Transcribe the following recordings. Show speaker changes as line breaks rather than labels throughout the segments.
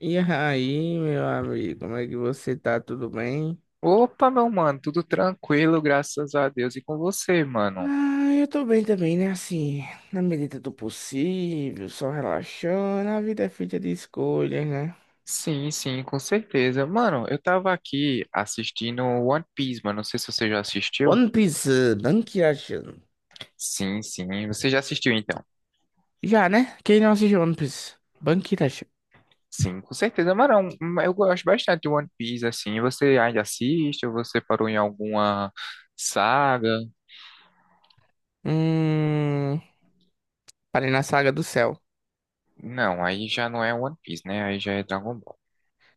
E aí, meu amigo, como é que você tá? Tudo bem?
Opa, meu mano, tudo tranquilo, graças a Deus. E com você, mano?
Ah, eu tô bem também, né? Assim, na medida do possível, só relaxando. A vida é feita de escolhas, né?
Sim, sim, com certeza. Mano, eu tava aqui assistindo One Piece, mano. Não sei se você já assistiu.
One Piece, eh, Bankirashan.
Sim, sim, você já assistiu então.
Já, né? Quem não assistiu One Piece? Bankirashan.
Sim, com certeza, mano. Eu gosto bastante de One Piece, assim. Você ainda assiste ou você parou em alguma saga?
Hum. Parei na Saga do Céu.
Não, aí já não é One Piece, né? Aí já é Dragon Ball.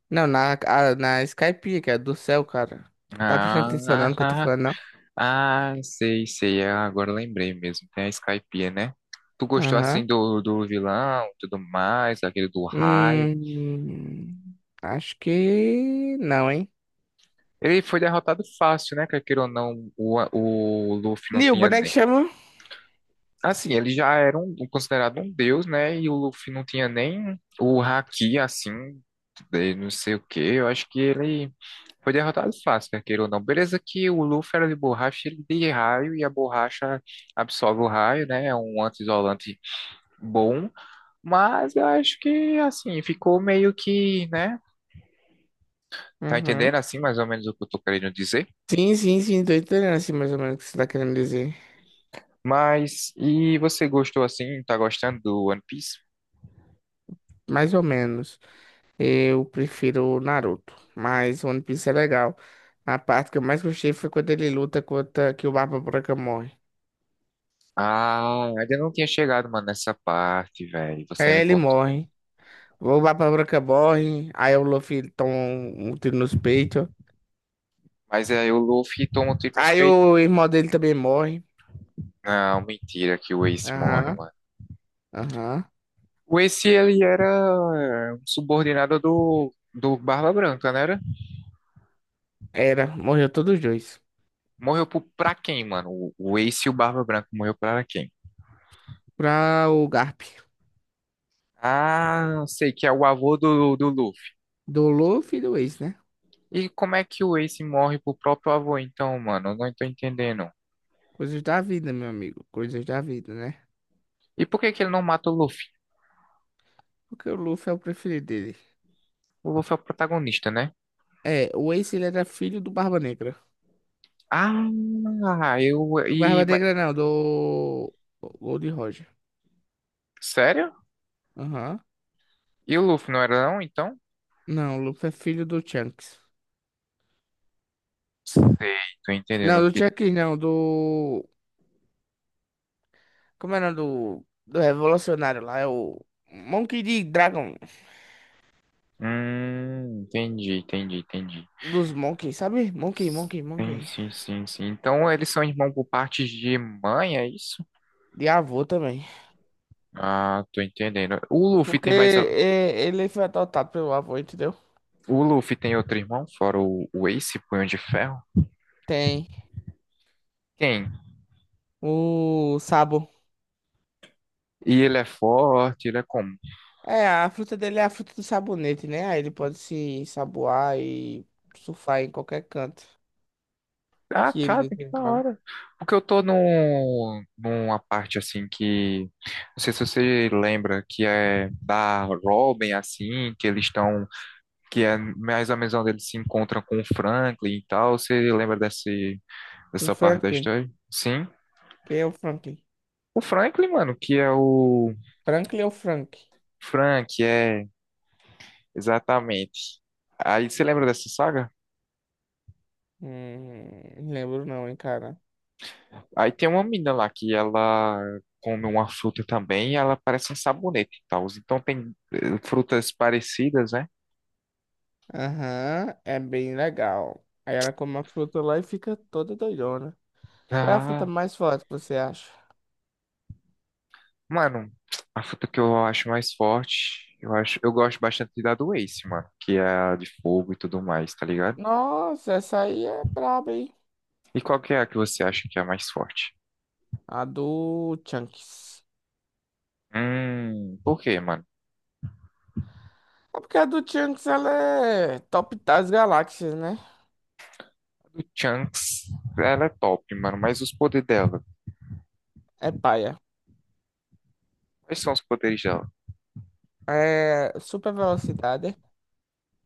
Não, na Skype, que é do céu, cara. Tá prestando atenção
Ah,
não, no que eu tô falando, não?
Ah, sei, sei. Ah, agora eu lembrei mesmo. Tem a Skypiea, né? Tu gostou
Aham.
assim do vilão, tudo mais, aquele do raio.
Hum. Acho que não, hein?
Ele foi derrotado fácil, né? Quer queira ou não, o Luffy não
Nil,
tinha
boneco
nem.
chama?
Assim, ele já era um, considerado um deus, né? E o Luffy não tinha nem o haki, assim, de não sei o quê. Eu acho que ele foi derrotado fácil, quer queira ou não. Beleza que o Luffy era de borracha, ele de raio, e a borracha absorve o raio, né? É um anti-isolante bom. Mas eu acho que, assim, ficou meio que, né? Tá
Uhum.
entendendo, assim, mais ou menos o que eu tô querendo dizer?
Sim, sim, sim, tô entendendo assim mais ou menos o que você tá querendo dizer.
Mas, e você gostou, assim, tá gostando do One Piece?
Mais ou menos. Eu prefiro o Naruto, mas One Piece é legal. A parte que eu mais gostei foi quando ele luta contra que o Barba Branca morre.
Ah, ainda não tinha chegado, mano, nessa parte, velho.
Aí
Você me
ele
conta.
morre. O Barba Branca morre, aí o Luffy toma um tiro nos peitos.
Mas aí o Luffy toma um tiro nos
Aí
peitos.
o irmão dele também morre.
Não, mentira que o Ace morre,
Aham,
mano.
aham.
O Ace, ele era um subordinado do Barba Branca, né? Era?
Era, morreu todos os dois.
Morreu pra quem, mano? O Ace e o Barba Branca morreu pra quem?
Pra o Garp.
Ah, sei que é o avô do Luffy.
Do Luffy e do Ace, né?
E como é que o Ace morre pro próprio avô, então, mano? Eu não tô entendendo.
Coisas da vida, meu amigo. Coisas da vida, né?
E por que que ele não mata o Luffy?
Porque o Luffy é o preferido dele.
O Luffy é o protagonista, né?
É, o Ace ele era filho do Barba Negra.
Ah, eu.
Do Barba Negra não, do Gold Roger.
Sério?
Aham.
E o Luffy não era não, então?
Não, o Luffy é filho do Chunks.
Sei, tô
Não,
entendendo.
do Chunks não, do... Como era do... Do revolucionário lá, é o... Monkey de Dragon.
Entendi, entendi, entendi.
Dos Monkey, sabe? Monkey, Monkey,
Sim,
Monkey.
sim, sim, sim. Então eles são irmãos por parte de mãe, é isso?
De avô também.
Ah, tô entendendo. O Luffy
Porque
tem mais.
é, ele foi adotado pelo avô, entendeu?
O Luffy tem outro irmão, fora o Ace, Punho de Ferro?
Tem
Quem?
o Sabo.
E ele é forte, ele é como?
É, a fruta dele é a fruta do sabonete, né? Aí ele pode se saboar e surfar em qualquer canto
Ah,
que ele
cara, que da
desejar.
hora. Porque eu tô numa parte assim que. Não sei se você lembra, que é da Robin, assim, que eles estão. Que é mais ou menos onde eles se encontram com o Franklin e tal. Você lembra desse,
Com
dessa parte da
Franklin.
história? Sim.
Quem é o Franklin?
O Franklin, mano, que é o.
Franklin ou Frank?
Frank, é. Exatamente. Aí você lembra dessa saga?
Não lembro não, hein, cara.
Aí tem uma menina lá que ela come uma fruta também e ela parece um sabonete e tal. Então tem frutas parecidas, né?
Aham, é bem legal. Aí ela come a fruta lá e fica toda doidona. Qual é a fruta
Ah,
mais forte que você acha?
mano, a fruta que eu acho mais forte, eu acho, eu gosto bastante da do Ace, mano, que é a de fogo e tudo mais, tá ligado?
Nossa, essa aí é braba, hein?
E qual que é a que você acha que é a mais forte?
A do Chunks.
Por quê, mano?
É porque a do Chunks, ela é top das galáxias, né?
A do Chunks, ela é top, mano, mas os poderes dela,
É paia.
quais são os poderes dela?
É, super velocidade,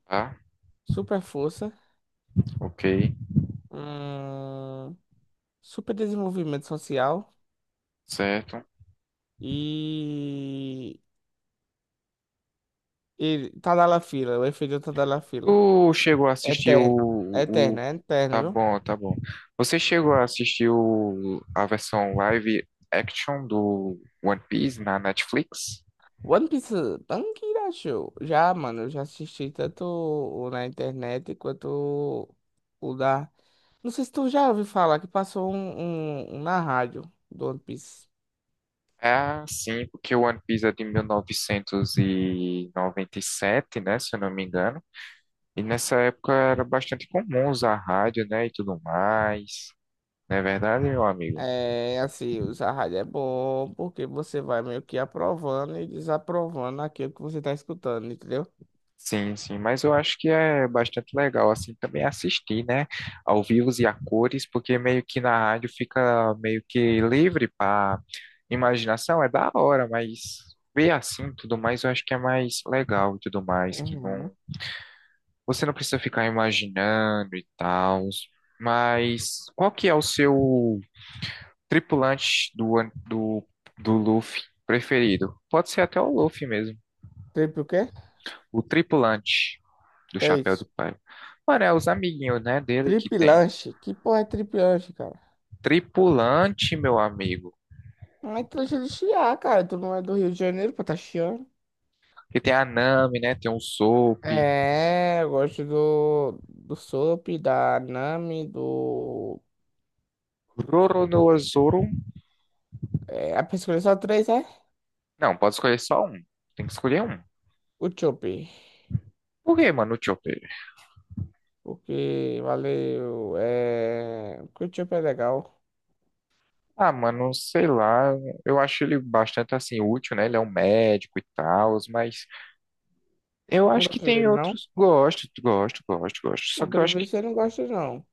Tá?
super força,
Ok,
hum, super desenvolvimento social
certo.
e, e Tadalafila, o efeito Tadalafila.
Tu chegou a assistir
Eterno,
o... o-
eterno, é eterno,
Tá
viu?
bom, tá bom. Você chegou a assistir a versão live action do One Piece na Netflix?
One Piece, Tankira Show. Já, mano, eu já assisti tanto o na internet quanto o da. Não sei se tu já ouviu falar que passou um na rádio do One Piece.
É, sim, porque o One Piece é de mil novecentos e noventa e sete, né, se eu não me engano. E nessa época era bastante comum usar rádio, né, e tudo mais. Não é verdade, meu amigo?
É, assim, usar rádio é bom porque você vai meio que aprovando e desaprovando aquilo que você tá escutando, entendeu?
Sim, sim, mas eu acho que é bastante legal, assim, também assistir, né, ao vivo e a cores, porque meio que na rádio fica meio que livre para imaginação, é da hora, mas ver assim tudo mais eu acho que é mais legal e tudo mais, que
Uhum.
não, você não precisa ficar imaginando e tal, mas qual que é o seu tripulante do Luffy preferido? Pode ser até o Luffy mesmo,
Trip o quê?
o tripulante. Do
Que é
chapéu do
isso?
pai. Mano, é os amiguinhos, né, dele que
Trip
tem.
lanche? Que porra é trip lanche, cara?
Tripulante, meu amigo.
Não é lanche é de chiar, cara. Tu não é do Rio de Janeiro pra tá chiando.
Que tem a Nami, né? Tem o Soap.
É, eu gosto do, do Soap, da Nami, do.
Roronoa Zoro.
É, a pessoa só três é
Não, pode escolher só um. Tem que escolher um.
o Chop.
Por que, mano, o Chopper?
Porque valeu. É. Porque o Chop é legal.
Ah, mano, sei lá. Eu acho ele bastante, assim, útil, né? Ele é um médico e tal, mas eu
Não
acho que
gosto
tem
dele, não?
outros. Gosto, gosto, gosto, gosto. Só
Não,
que eu
pelo
acho que.
visto você não gosta, não.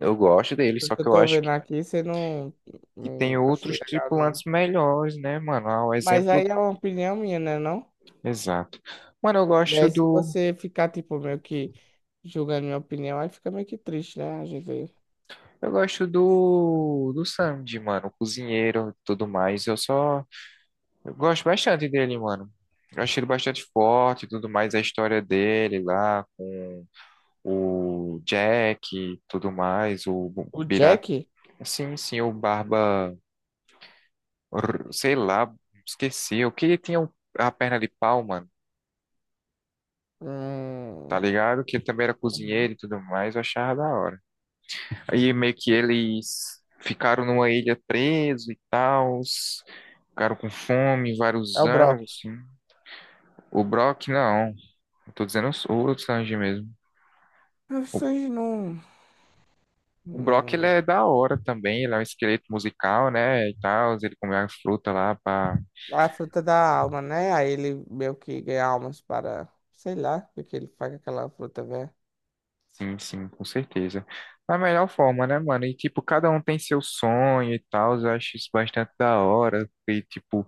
Eu gosto dele,
Pelo
só
que
que
eu
eu
tô
acho
vendo
que,
aqui, você não,
que tem
não acha
outros
legal,
tripulantes
não.
melhores, né, mano? Ah, o
Mas
exemplo.
aí é uma opinião minha, né, não?
Exato. Mano, eu
E
gosto
aí se
do.
você ficar, tipo, meio que julgando minha opinião, aí fica meio que triste, né? A gente...
Eu gosto do. Do Sandy, mano. O cozinheiro e tudo mais. Eu só. Eu gosto bastante dele, mano. Eu achei ele bastante forte e tudo mais. A história dele lá com o Jack e tudo mais. O
O
pirata.
Jack.
Sim, sim, o Barba. Sei lá, esqueci. O que ele tinha a perna de pau, mano. Tá
Hum.
ligado? Que ele também era
Uhum.
cozinheiro e tudo mais. Eu achava da hora. Aí meio que eles ficaram numa ilha preso e tal, ficaram com fome
É
vários
o
anos,
brócolis.
assim. O Brock, não. Eu tô dizendo o Sanji mesmo. O
Vocês não,
o Brock, ele
não.
é da hora também, ele é um esqueleto musical, né, e tal, ele come a fruta lá pra...
A fruta da alma, né? Aí ele meio que ganha almas para. Sei lá, porque ele faz aquela fruta, velho.
Sim, sim, com certeza. Da melhor forma, né, mano? E, tipo, cada um tem seu sonho e tal, eu acho isso bastante da hora. E, tipo,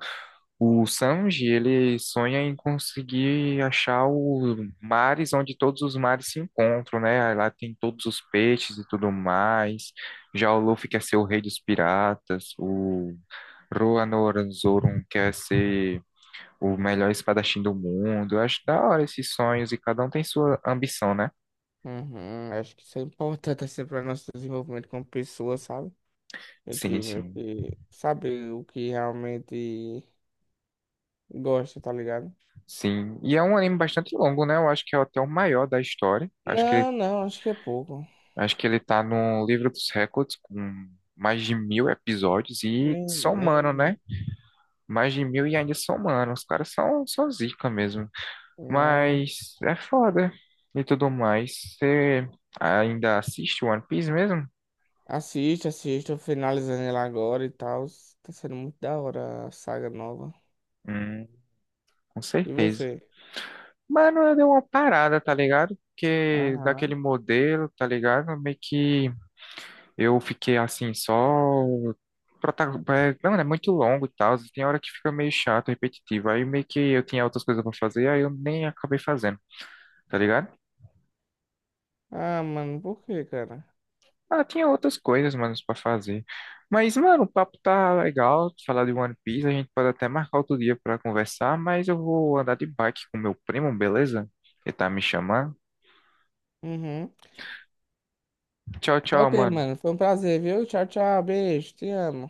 o Sanji, ele sonha em conseguir achar os mares onde todos os mares se encontram, né? Aí lá tem todos os peixes e tudo mais. Já o Luffy quer ser o rei dos piratas. O Roronoazoron quer ser o melhor espadachim do mundo. Eu acho da hora esses sonhos e cada um tem sua ambição, né?
Uhum, acho que isso é importante assim para nosso desenvolvimento como pessoa, sabe? A
Sim,
gente meio
sim.
que sabe o que realmente gosta, tá ligado?
Sim, e é um anime bastante longo, né? Eu acho que é até o maior da história.
Não, não, acho que é pouco.
Acho que ele tá no livro dos recordes com mais de 1.000 episódios e
Nem,
somando,
nem,
né? Mais de mil e ainda somando. Os caras são zica mesmo.
não.
Mas é foda e tudo mais. Você ainda assiste One Piece mesmo?
Assiste, assiste, eu finalizando ela agora e tal. Tá sendo muito da hora a saga nova.
Hum, com
E
certeza.
você?
Mano, eu dei uma parada, tá ligado? Porque daquele
Aham.
modelo, tá ligado? Meio que eu fiquei assim, só. prota- é, não, é muito longo e tal. Tem hora que fica meio chato, repetitivo. Aí meio que eu tinha outras coisas pra fazer, aí eu nem acabei fazendo, tá ligado?
Ah, mano, por quê, cara?
Ah, tinha outras coisas, mano, pra fazer. Mas, mano, o papo tá legal. Falar de One Piece, a gente pode até marcar outro dia pra conversar. Mas eu vou andar de bike com meu primo, beleza? Ele tá me chamando.
Uhum.
Tchau,
Tá
tchau,
ok,
mano.
mano. Foi um prazer, viu? Tchau, tchau. Beijo. Te amo.